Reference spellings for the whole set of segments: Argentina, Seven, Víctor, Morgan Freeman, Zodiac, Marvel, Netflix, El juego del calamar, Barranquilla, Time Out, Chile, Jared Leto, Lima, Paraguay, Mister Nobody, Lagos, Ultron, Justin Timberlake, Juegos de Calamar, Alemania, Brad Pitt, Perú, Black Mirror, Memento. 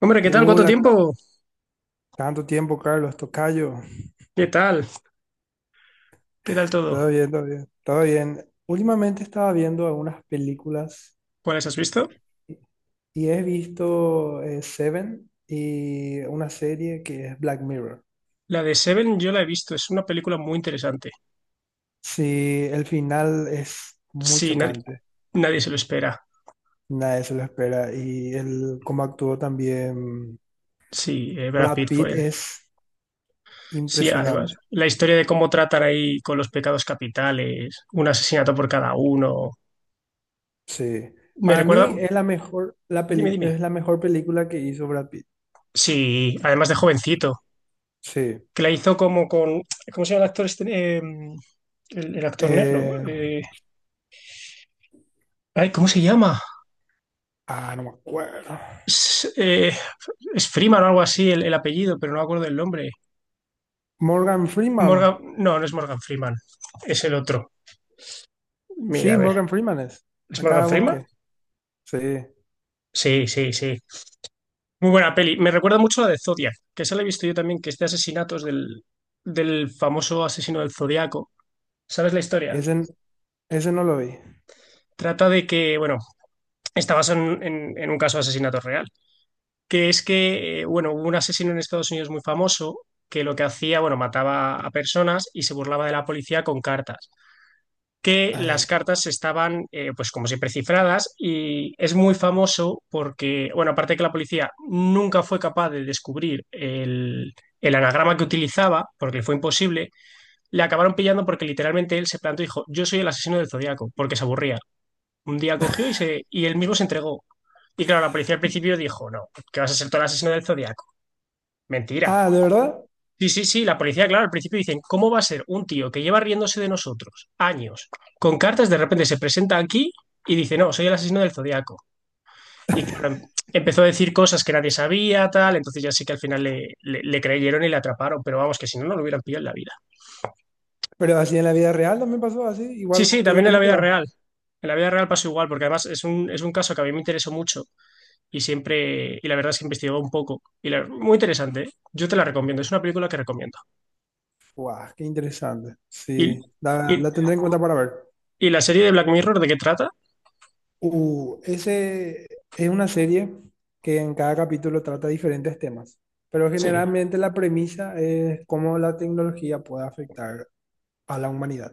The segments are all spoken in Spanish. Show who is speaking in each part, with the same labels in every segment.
Speaker 1: Hombre, ¿qué tal? ¿Cuánto
Speaker 2: Hola,
Speaker 1: tiempo?
Speaker 2: tanto tiempo, Carlos, tocayo.
Speaker 1: ¿Qué tal? ¿Qué tal todo?
Speaker 2: Todo bien, todo bien, todo bien. Últimamente estaba viendo algunas películas
Speaker 1: ¿Cuáles has visto?
Speaker 2: y he visto Seven y una serie que es Black Mirror.
Speaker 1: La de Seven yo la he visto, es una película muy interesante.
Speaker 2: Sí, el final es muy
Speaker 1: Sí, nadie,
Speaker 2: chocante,
Speaker 1: nadie se lo espera.
Speaker 2: nadie se lo espera y el cómo actuó también
Speaker 1: Sí, Brad
Speaker 2: Brad
Speaker 1: Pitt
Speaker 2: Pitt
Speaker 1: fue.
Speaker 2: es
Speaker 1: Sí,
Speaker 2: impresionante.
Speaker 1: además. La historia de cómo tratan ahí con los pecados capitales, un asesinato por cada uno.
Speaker 2: Sí,
Speaker 1: Me
Speaker 2: para mí
Speaker 1: recuerda.
Speaker 2: es la mejor, la
Speaker 1: Dime,
Speaker 2: peli-
Speaker 1: dime.
Speaker 2: es la mejor película que hizo Brad Pitt.
Speaker 1: Sí, además de jovencito,
Speaker 2: Sí.
Speaker 1: que la hizo como con. ¿Cómo se llama el actor este? El actor negro.
Speaker 2: Eh,
Speaker 1: Ay, ¿cómo se llama?
Speaker 2: No me acuerdo.
Speaker 1: S- eh, es Freeman o algo así el apellido, pero no me acuerdo el nombre.
Speaker 2: Morgan Freeman.
Speaker 1: Morgan, no, no es Morgan Freeman, es el otro. Mira,
Speaker 2: Sí,
Speaker 1: a ver,
Speaker 2: Morgan Freeman es.
Speaker 1: ¿es Morgan
Speaker 2: Acá
Speaker 1: Freeman?
Speaker 2: busqué. Sí,
Speaker 1: Sí, sí, sí. Muy buena peli. Me recuerda mucho a la de Zodiac, que esa la he visto yo también, que es de asesinatos del famoso asesino del Zodiaco. ¿Sabes la historia?
Speaker 2: ese, ese no lo vi.
Speaker 1: Trata de que, bueno, está basado en un caso de asesinato real, que es que, bueno, hubo un asesino en Estados Unidos muy famoso que lo que hacía, bueno, mataba a personas y se burlaba de la policía con cartas, que las
Speaker 2: Eh,
Speaker 1: cartas estaban, pues como siempre, cifradas y es muy famoso porque, bueno, aparte de que la policía nunca fue capaz de descubrir el anagrama que utilizaba, porque le fue imposible, le acabaron pillando porque literalmente él se plantó y dijo, yo soy el asesino del Zodíaco, porque se aburría. Un día cogió y, se, y él mismo se entregó. Y claro, la policía al principio dijo, no, que vas a ser todo el asesino del Zodíaco. Mentira.
Speaker 2: ¿De verdad?
Speaker 1: Sí, sí, sí, la policía, claro, al principio dicen, ¿cómo va a ser un tío que lleva riéndose de nosotros años con cartas, de repente se presenta aquí y dice, no, soy el asesino del zodiaco? Y claro, empezó a decir cosas que nadie sabía, tal, entonces ya sí que al final le, le creyeron y le atraparon, pero vamos, que si no, no lo hubieran pillado en la vida.
Speaker 2: Pero así en la vida real también pasó así,
Speaker 1: Sí,
Speaker 2: igual
Speaker 1: sí,
Speaker 2: que en la
Speaker 1: también en la vida
Speaker 2: película.
Speaker 1: real. En la vida real pasó igual, porque además es un caso que a mí me interesó mucho y siempre, y la verdad es que he investigado un poco. Y la- muy interesante, ¿eh? Yo te la recomiendo, es una película que recomiendo.
Speaker 2: Guau, qué interesante.
Speaker 1: Y,
Speaker 2: Sí,
Speaker 1: y,
Speaker 2: la tendré en cuenta para ver.
Speaker 1: ¿y la serie de Black Mirror de qué trata?
Speaker 2: Ese es una serie que en cada capítulo trata diferentes temas, pero
Speaker 1: Sí,
Speaker 2: generalmente la premisa es cómo la tecnología puede afectar a la humanidad.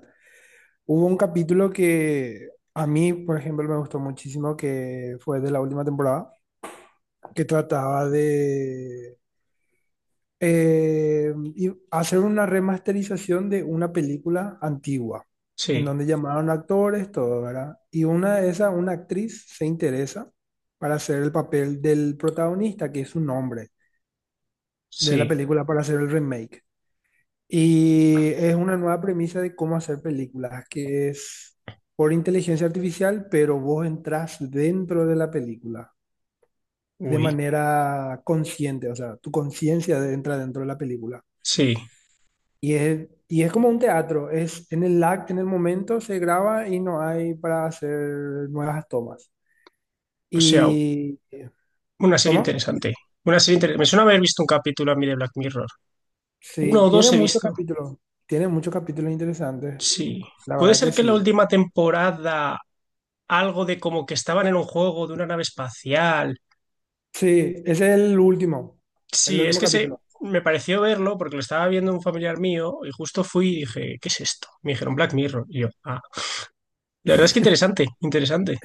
Speaker 2: Hubo un capítulo que a mí, por ejemplo, me gustó muchísimo, que fue de la última temporada, que trataba de hacer una remasterización de una película antigua,
Speaker 1: sí,
Speaker 2: en donde llamaron actores, todo, ¿verdad? Y una de esas, una actriz, se interesa para hacer el papel del protagonista, que es un hombre, de la
Speaker 1: sí,
Speaker 2: película para hacer el remake. Y es una nueva premisa de cómo hacer películas, que es por inteligencia artificial, pero vos entras dentro de la película de
Speaker 1: uy,
Speaker 2: manera consciente, o sea, tu conciencia entra dentro de la película.
Speaker 1: sí.
Speaker 2: Y es como un teatro, es en el acto, en el momento se graba y no hay para hacer nuevas tomas.
Speaker 1: O sea,
Speaker 2: Y,
Speaker 1: una serie
Speaker 2: ¿Cómo?
Speaker 1: interesante. Una serie interesante. Me suena haber visto un capítulo a mí de Black Mirror. Uno
Speaker 2: Sí,
Speaker 1: o dos he visto.
Speaker 2: tiene muchos capítulos interesantes,
Speaker 1: Sí.
Speaker 2: la
Speaker 1: Puede
Speaker 2: verdad que
Speaker 1: ser que en la
Speaker 2: sí.
Speaker 1: última temporada algo de como que estaban en un juego de una nave espacial.
Speaker 2: Sí, ese es el
Speaker 1: Sí, es
Speaker 2: último
Speaker 1: que se
Speaker 2: capítulo.
Speaker 1: me pareció verlo porque lo estaba viendo un familiar mío y justo fui y dije, ¿qué es esto? Me dijeron Black Mirror. Y yo, ah, la verdad es que interesante, interesante.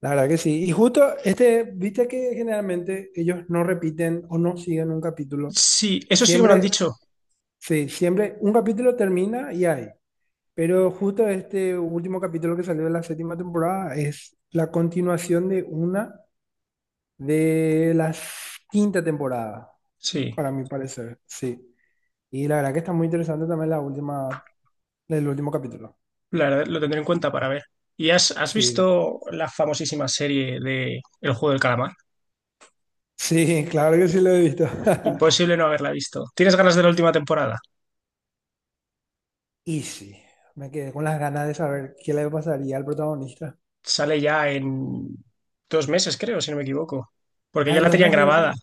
Speaker 2: La verdad que sí. Y justo este, viste que generalmente ellos no repiten o no siguen un capítulo.
Speaker 1: Sí, eso sí que me lo han
Speaker 2: Siempre,
Speaker 1: dicho.
Speaker 2: sí, siempre un capítulo termina y hay. Pero justo este último capítulo que salió de la séptima temporada es la continuación de una de la quinta temporada,
Speaker 1: Sí.
Speaker 2: para mi parecer. Sí. Y la verdad que está muy interesante también la última, el último capítulo.
Speaker 1: La verdad, lo tendré en cuenta para ver. ¿Y has, has
Speaker 2: Sí.
Speaker 1: visto la famosísima serie de El juego del calamar?
Speaker 2: Sí, claro que sí lo he visto.
Speaker 1: Imposible no haberla visto. ¿Tienes ganas de la última temporada?
Speaker 2: Y sí, me quedé con las ganas de saber qué le pasaría al protagonista.
Speaker 1: Sale ya en dos meses, creo, si no me equivoco. Porque
Speaker 2: Ah,
Speaker 1: ya
Speaker 2: en
Speaker 1: la
Speaker 2: dos
Speaker 1: tenían
Speaker 2: meses ya
Speaker 1: grabada. O
Speaker 2: sale.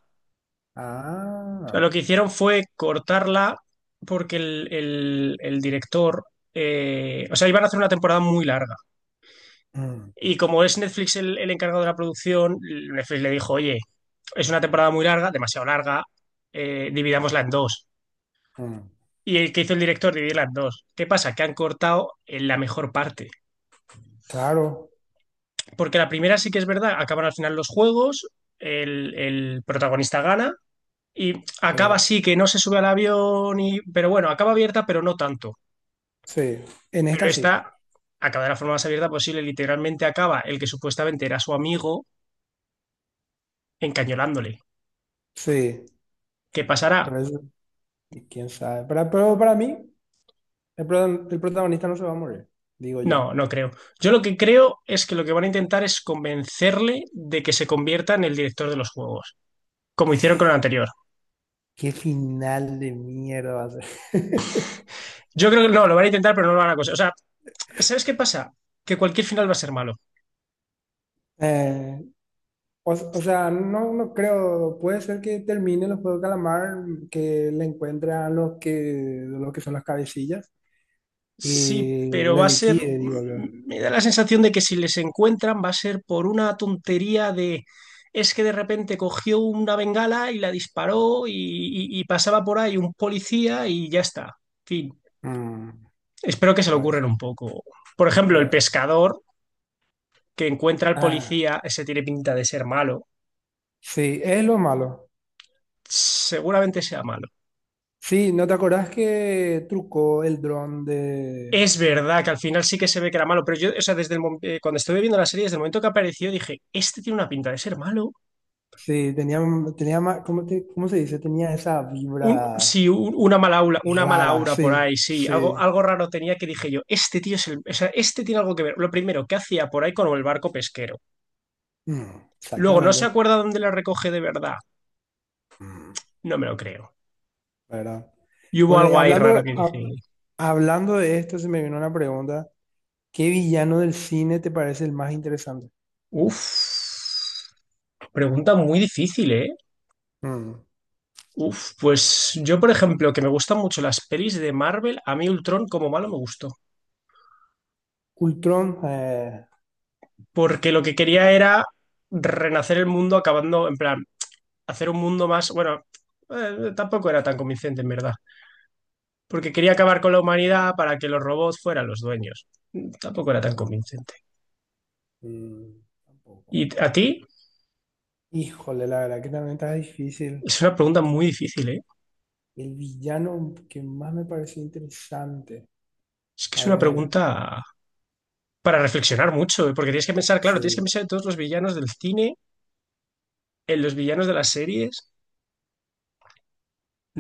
Speaker 1: sea,
Speaker 2: Ah,
Speaker 1: lo que hicieron fue cortarla porque el, el director... o sea, iban a hacer una temporada muy larga.
Speaker 2: mm,
Speaker 1: Y como es Netflix el encargado de la producción, Netflix le dijo, oye, es una temporada muy larga, demasiado larga, dividámosla en dos.
Speaker 2: mm,
Speaker 1: Y el que hizo el director dividir las dos. ¿Qué pasa? Que han cortado en la mejor parte.
Speaker 2: claro.
Speaker 1: Porque la primera sí que es verdad, acaban al final los juegos, el protagonista gana y acaba
Speaker 2: eh,
Speaker 1: así que no se sube al avión, y, pero bueno, acaba abierta, pero no tanto.
Speaker 2: sí, en
Speaker 1: Pero
Speaker 2: esta sí.
Speaker 1: esta acaba de la forma más abierta posible. Literalmente acaba el que supuestamente era su amigo encañolándole.
Speaker 2: Sí,
Speaker 1: ¿Qué
Speaker 2: por
Speaker 1: pasará?
Speaker 2: eso, y quién sabe. Pero para mí, el protagonista no se va a morir, digo yo.
Speaker 1: No, no creo. Yo lo que creo es que lo que van a intentar es convencerle de que se convierta en el director de los juegos, como hicieron con el anterior.
Speaker 2: Qué final de mierda va a ser.
Speaker 1: Yo creo que no, lo van a intentar, pero no lo van a conseguir. O sea, ¿sabes qué pasa? Que cualquier final va a ser malo.
Speaker 2: Eh, o sea, no, no creo. Puede ser que termine los Juegos de Calamar, que le encuentran los que son las cabecillas.
Speaker 1: Sí,
Speaker 2: Y
Speaker 1: pero
Speaker 2: le
Speaker 1: va a ser.
Speaker 2: liquide, digo yo.
Speaker 1: Me da la sensación de que si les encuentran va a ser por una tontería de. Es que de repente cogió una bengala y la disparó y, y pasaba por ahí un policía y ya está. En fin.
Speaker 2: Mm,
Speaker 1: Espero que se lo
Speaker 2: bueno,
Speaker 1: ocurran un poco. Por ejemplo, el
Speaker 2: bueno.
Speaker 1: pescador que encuentra al
Speaker 2: Ah,
Speaker 1: policía, ese tiene pinta de ser malo.
Speaker 2: sí, es lo malo.
Speaker 1: Seguramente sea malo.
Speaker 2: Sí, ¿no te acordás que trucó el dron de...
Speaker 1: Es verdad que al final sí que se ve que era malo, pero yo, o sea, desde el, cuando estuve viendo la serie, desde el momento que apareció, dije, este tiene una pinta de ser malo.
Speaker 2: Sí, tenía, ¿cómo, cómo se dice? Tenía esa
Speaker 1: Un,
Speaker 2: vibra
Speaker 1: sí, un- una mala
Speaker 2: rara,
Speaker 1: aura por
Speaker 2: sí,
Speaker 1: ahí, sí. Algo,
Speaker 2: sí.
Speaker 1: algo raro tenía que dije yo, este tío es el, o sea, este tiene algo que ver. Lo primero, ¿que hacía por ahí con el barco pesquero?
Speaker 2: Mm,
Speaker 1: Luego, no se
Speaker 2: exactamente.
Speaker 1: acuerda dónde la recoge de verdad.
Speaker 2: Mm,
Speaker 1: No me lo creo.
Speaker 2: ¿Verdad?
Speaker 1: Y hubo
Speaker 2: Bueno, y
Speaker 1: algo ahí raro que dije,
Speaker 2: hablando de esto, se me vino una pregunta. ¿Qué villano del cine te parece el más interesante?
Speaker 1: uff, pregunta muy difícil, ¿eh?
Speaker 2: Mm.
Speaker 1: Pues yo, por ejemplo, que me gustan mucho las pelis de Marvel, a mí Ultron como malo me gustó,
Speaker 2: Ultron.
Speaker 1: porque lo que quería era renacer el mundo acabando, en plan, hacer un mundo más, bueno, tampoco era tan convincente en verdad, porque quería acabar con la humanidad para que los robots fueran los dueños. Tampoco era tan
Speaker 2: Mm.
Speaker 1: convincente.
Speaker 2: Mm, Tampoco.
Speaker 1: ¿Y a ti?
Speaker 2: Híjole, la verdad que también está difícil.
Speaker 1: Es una pregunta muy difícil, ¿eh?
Speaker 2: El villano que más me pareció interesante.
Speaker 1: Es que es
Speaker 2: A
Speaker 1: una
Speaker 2: ver,
Speaker 1: pregunta para reflexionar mucho, ¿eh? Porque tienes que pensar, claro, tienes que
Speaker 2: sí,
Speaker 1: pensar en todos los villanos del cine, en los villanos de las series.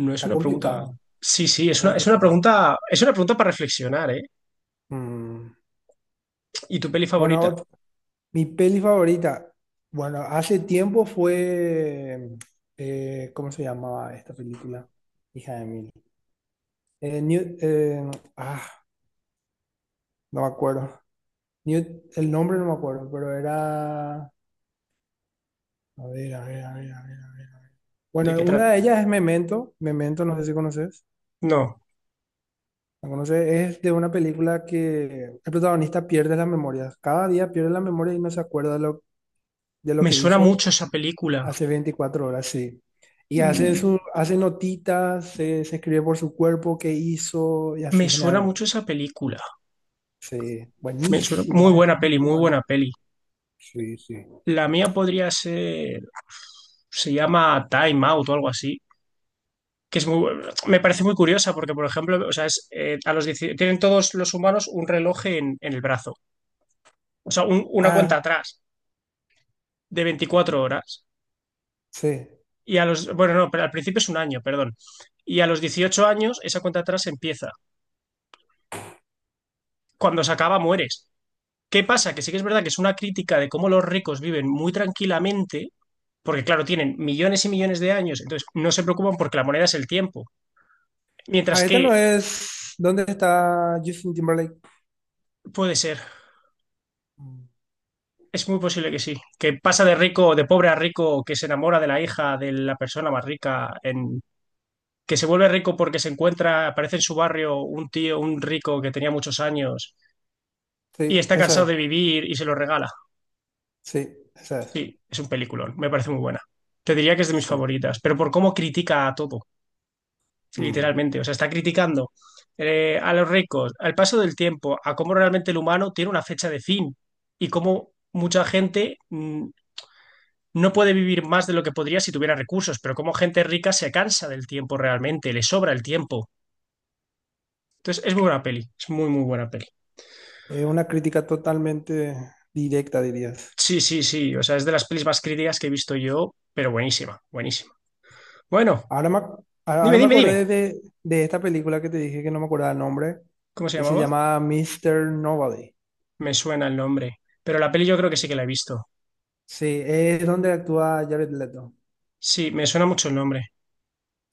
Speaker 1: No es
Speaker 2: está
Speaker 1: una pregunta.
Speaker 2: complicado,
Speaker 1: Sí, sí,
Speaker 2: está complicado.
Speaker 1: es una pregunta para reflexionar, ¿eh?
Speaker 2: Mm,
Speaker 1: ¿Y tu peli
Speaker 2: Bueno,
Speaker 1: favorita?
Speaker 2: ot- Mi peli favorita, bueno, hace tiempo fue, ¿cómo se llamaba esta película? Hija de mil. Eh, New- eh, ah, no me acuerdo. El nombre no me acuerdo, pero era, a ver.
Speaker 1: ¿De
Speaker 2: Bueno,
Speaker 1: qué trata?
Speaker 2: una de ellas es Memento. Memento, no sé si conoces.
Speaker 1: No.
Speaker 2: ¿La conoces? Es de una película que el protagonista pierde la memoria. Cada día pierde la memoria y no se acuerda de de lo
Speaker 1: Me
Speaker 2: que
Speaker 1: suena
Speaker 2: hizo
Speaker 1: mucho esa película.
Speaker 2: hace 24 horas, sí. Y hace,
Speaker 1: Mm,
Speaker 2: hace notitas, se escribe por su cuerpo qué hizo y
Speaker 1: Me
Speaker 2: así
Speaker 1: suena
Speaker 2: generalmente.
Speaker 1: mucho esa película.
Speaker 2: Sí,
Speaker 1: Me suena-
Speaker 2: buenísima,
Speaker 1: muy
Speaker 2: es
Speaker 1: buena
Speaker 2: muy
Speaker 1: peli, muy
Speaker 2: buena.
Speaker 1: buena peli.
Speaker 2: Sí, sí.
Speaker 1: La mía podría ser... Se llama Time Out o algo así. Que es muy... bu- me parece muy curiosa porque, por ejemplo, o sea, es, a los 10 tienen todos los humanos un reloj en el brazo. O sea, un- una cuenta
Speaker 2: Ah,
Speaker 1: atrás de 24 horas.
Speaker 2: sí.
Speaker 1: Y a los... Bueno, no, pero al principio es un año, perdón. Y a los 18 años esa cuenta atrás empieza. Cuando se acaba, mueres. ¿Qué pasa? Que sí que es verdad que es una crítica de cómo los ricos viven muy tranquilamente, porque claro, tienen millones y millones de años, entonces no se preocupan porque la moneda es el tiempo. Mientras
Speaker 2: Ah,
Speaker 1: que
Speaker 2: esta no es. ¿Dónde está Justin Timberlake?
Speaker 1: puede ser,
Speaker 2: Mm,
Speaker 1: es muy posible que sí, que pasa de rico, de pobre a rico, que se enamora de la hija de la persona más rica, en, que se vuelve rico porque se encuentra, aparece en su barrio un tío, un rico que tenía muchos años y
Speaker 2: Sí,
Speaker 1: está
Speaker 2: esa
Speaker 1: cansado de
Speaker 2: es.
Speaker 1: vivir y se lo regala.
Speaker 2: Sí, esa es.
Speaker 1: Sí, es un peliculón, me parece muy buena. Te diría que es de mis
Speaker 2: Sí.
Speaker 1: favoritas, pero por cómo critica a todo,
Speaker 2: Mm.
Speaker 1: literalmente. O sea, está criticando a los ricos, al paso del tiempo, a cómo realmente el humano tiene una fecha de fin y cómo mucha gente no puede vivir más de lo que podría si tuviera recursos, pero cómo gente rica se cansa del tiempo realmente, le sobra el tiempo. Entonces, es muy buena peli, es muy, muy buena peli.
Speaker 2: Es una crítica totalmente directa, dirías.
Speaker 1: Sí, sí, sí, o sea, es de las pelis más críticas que he visto yo, pero buenísima, buenísima. Bueno,
Speaker 2: Ahora
Speaker 1: dime,
Speaker 2: me
Speaker 1: dime, dime,
Speaker 2: acordé de esta película que te dije que no me acordaba el nombre
Speaker 1: ¿cómo se
Speaker 2: y se
Speaker 1: llamaba?
Speaker 2: llama Mister Nobody.
Speaker 1: Me suena el nombre, pero la peli yo creo que sí que la he visto.
Speaker 2: Sí, es donde actúa Jared Leto.
Speaker 1: Sí, me suena mucho el nombre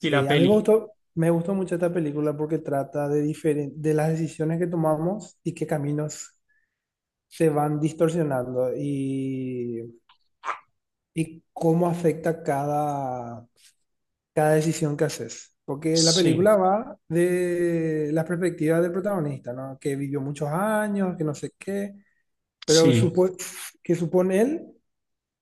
Speaker 1: y la
Speaker 2: a mí
Speaker 1: peli.
Speaker 2: me gustó mucho esta película porque trata de, de las decisiones que tomamos y qué caminos se van distorsionando y cómo afecta cada, cada decisión que haces. Porque la
Speaker 1: Sí,
Speaker 2: película va de la perspectiva del protagonista, ¿no? Que vivió muchos años, que no sé qué, pero
Speaker 1: sí,
Speaker 2: que supone él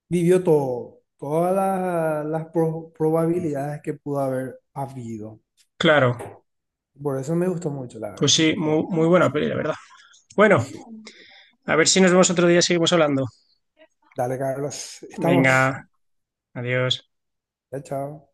Speaker 2: vivió todo, las, probabilidades que pudo haber habido.
Speaker 1: claro.
Speaker 2: Por eso me gustó mucho, la
Speaker 1: Pues
Speaker 2: verdad que
Speaker 1: sí,
Speaker 2: sí fue
Speaker 1: muy, muy buena peli,
Speaker 2: interesante.
Speaker 1: la verdad. Bueno,
Speaker 2: Sí.
Speaker 1: a ver si nos vemos otro día y seguimos hablando.
Speaker 2: Dale, Carlos, estamos.
Speaker 1: Venga, adiós.
Speaker 2: Ya, chao.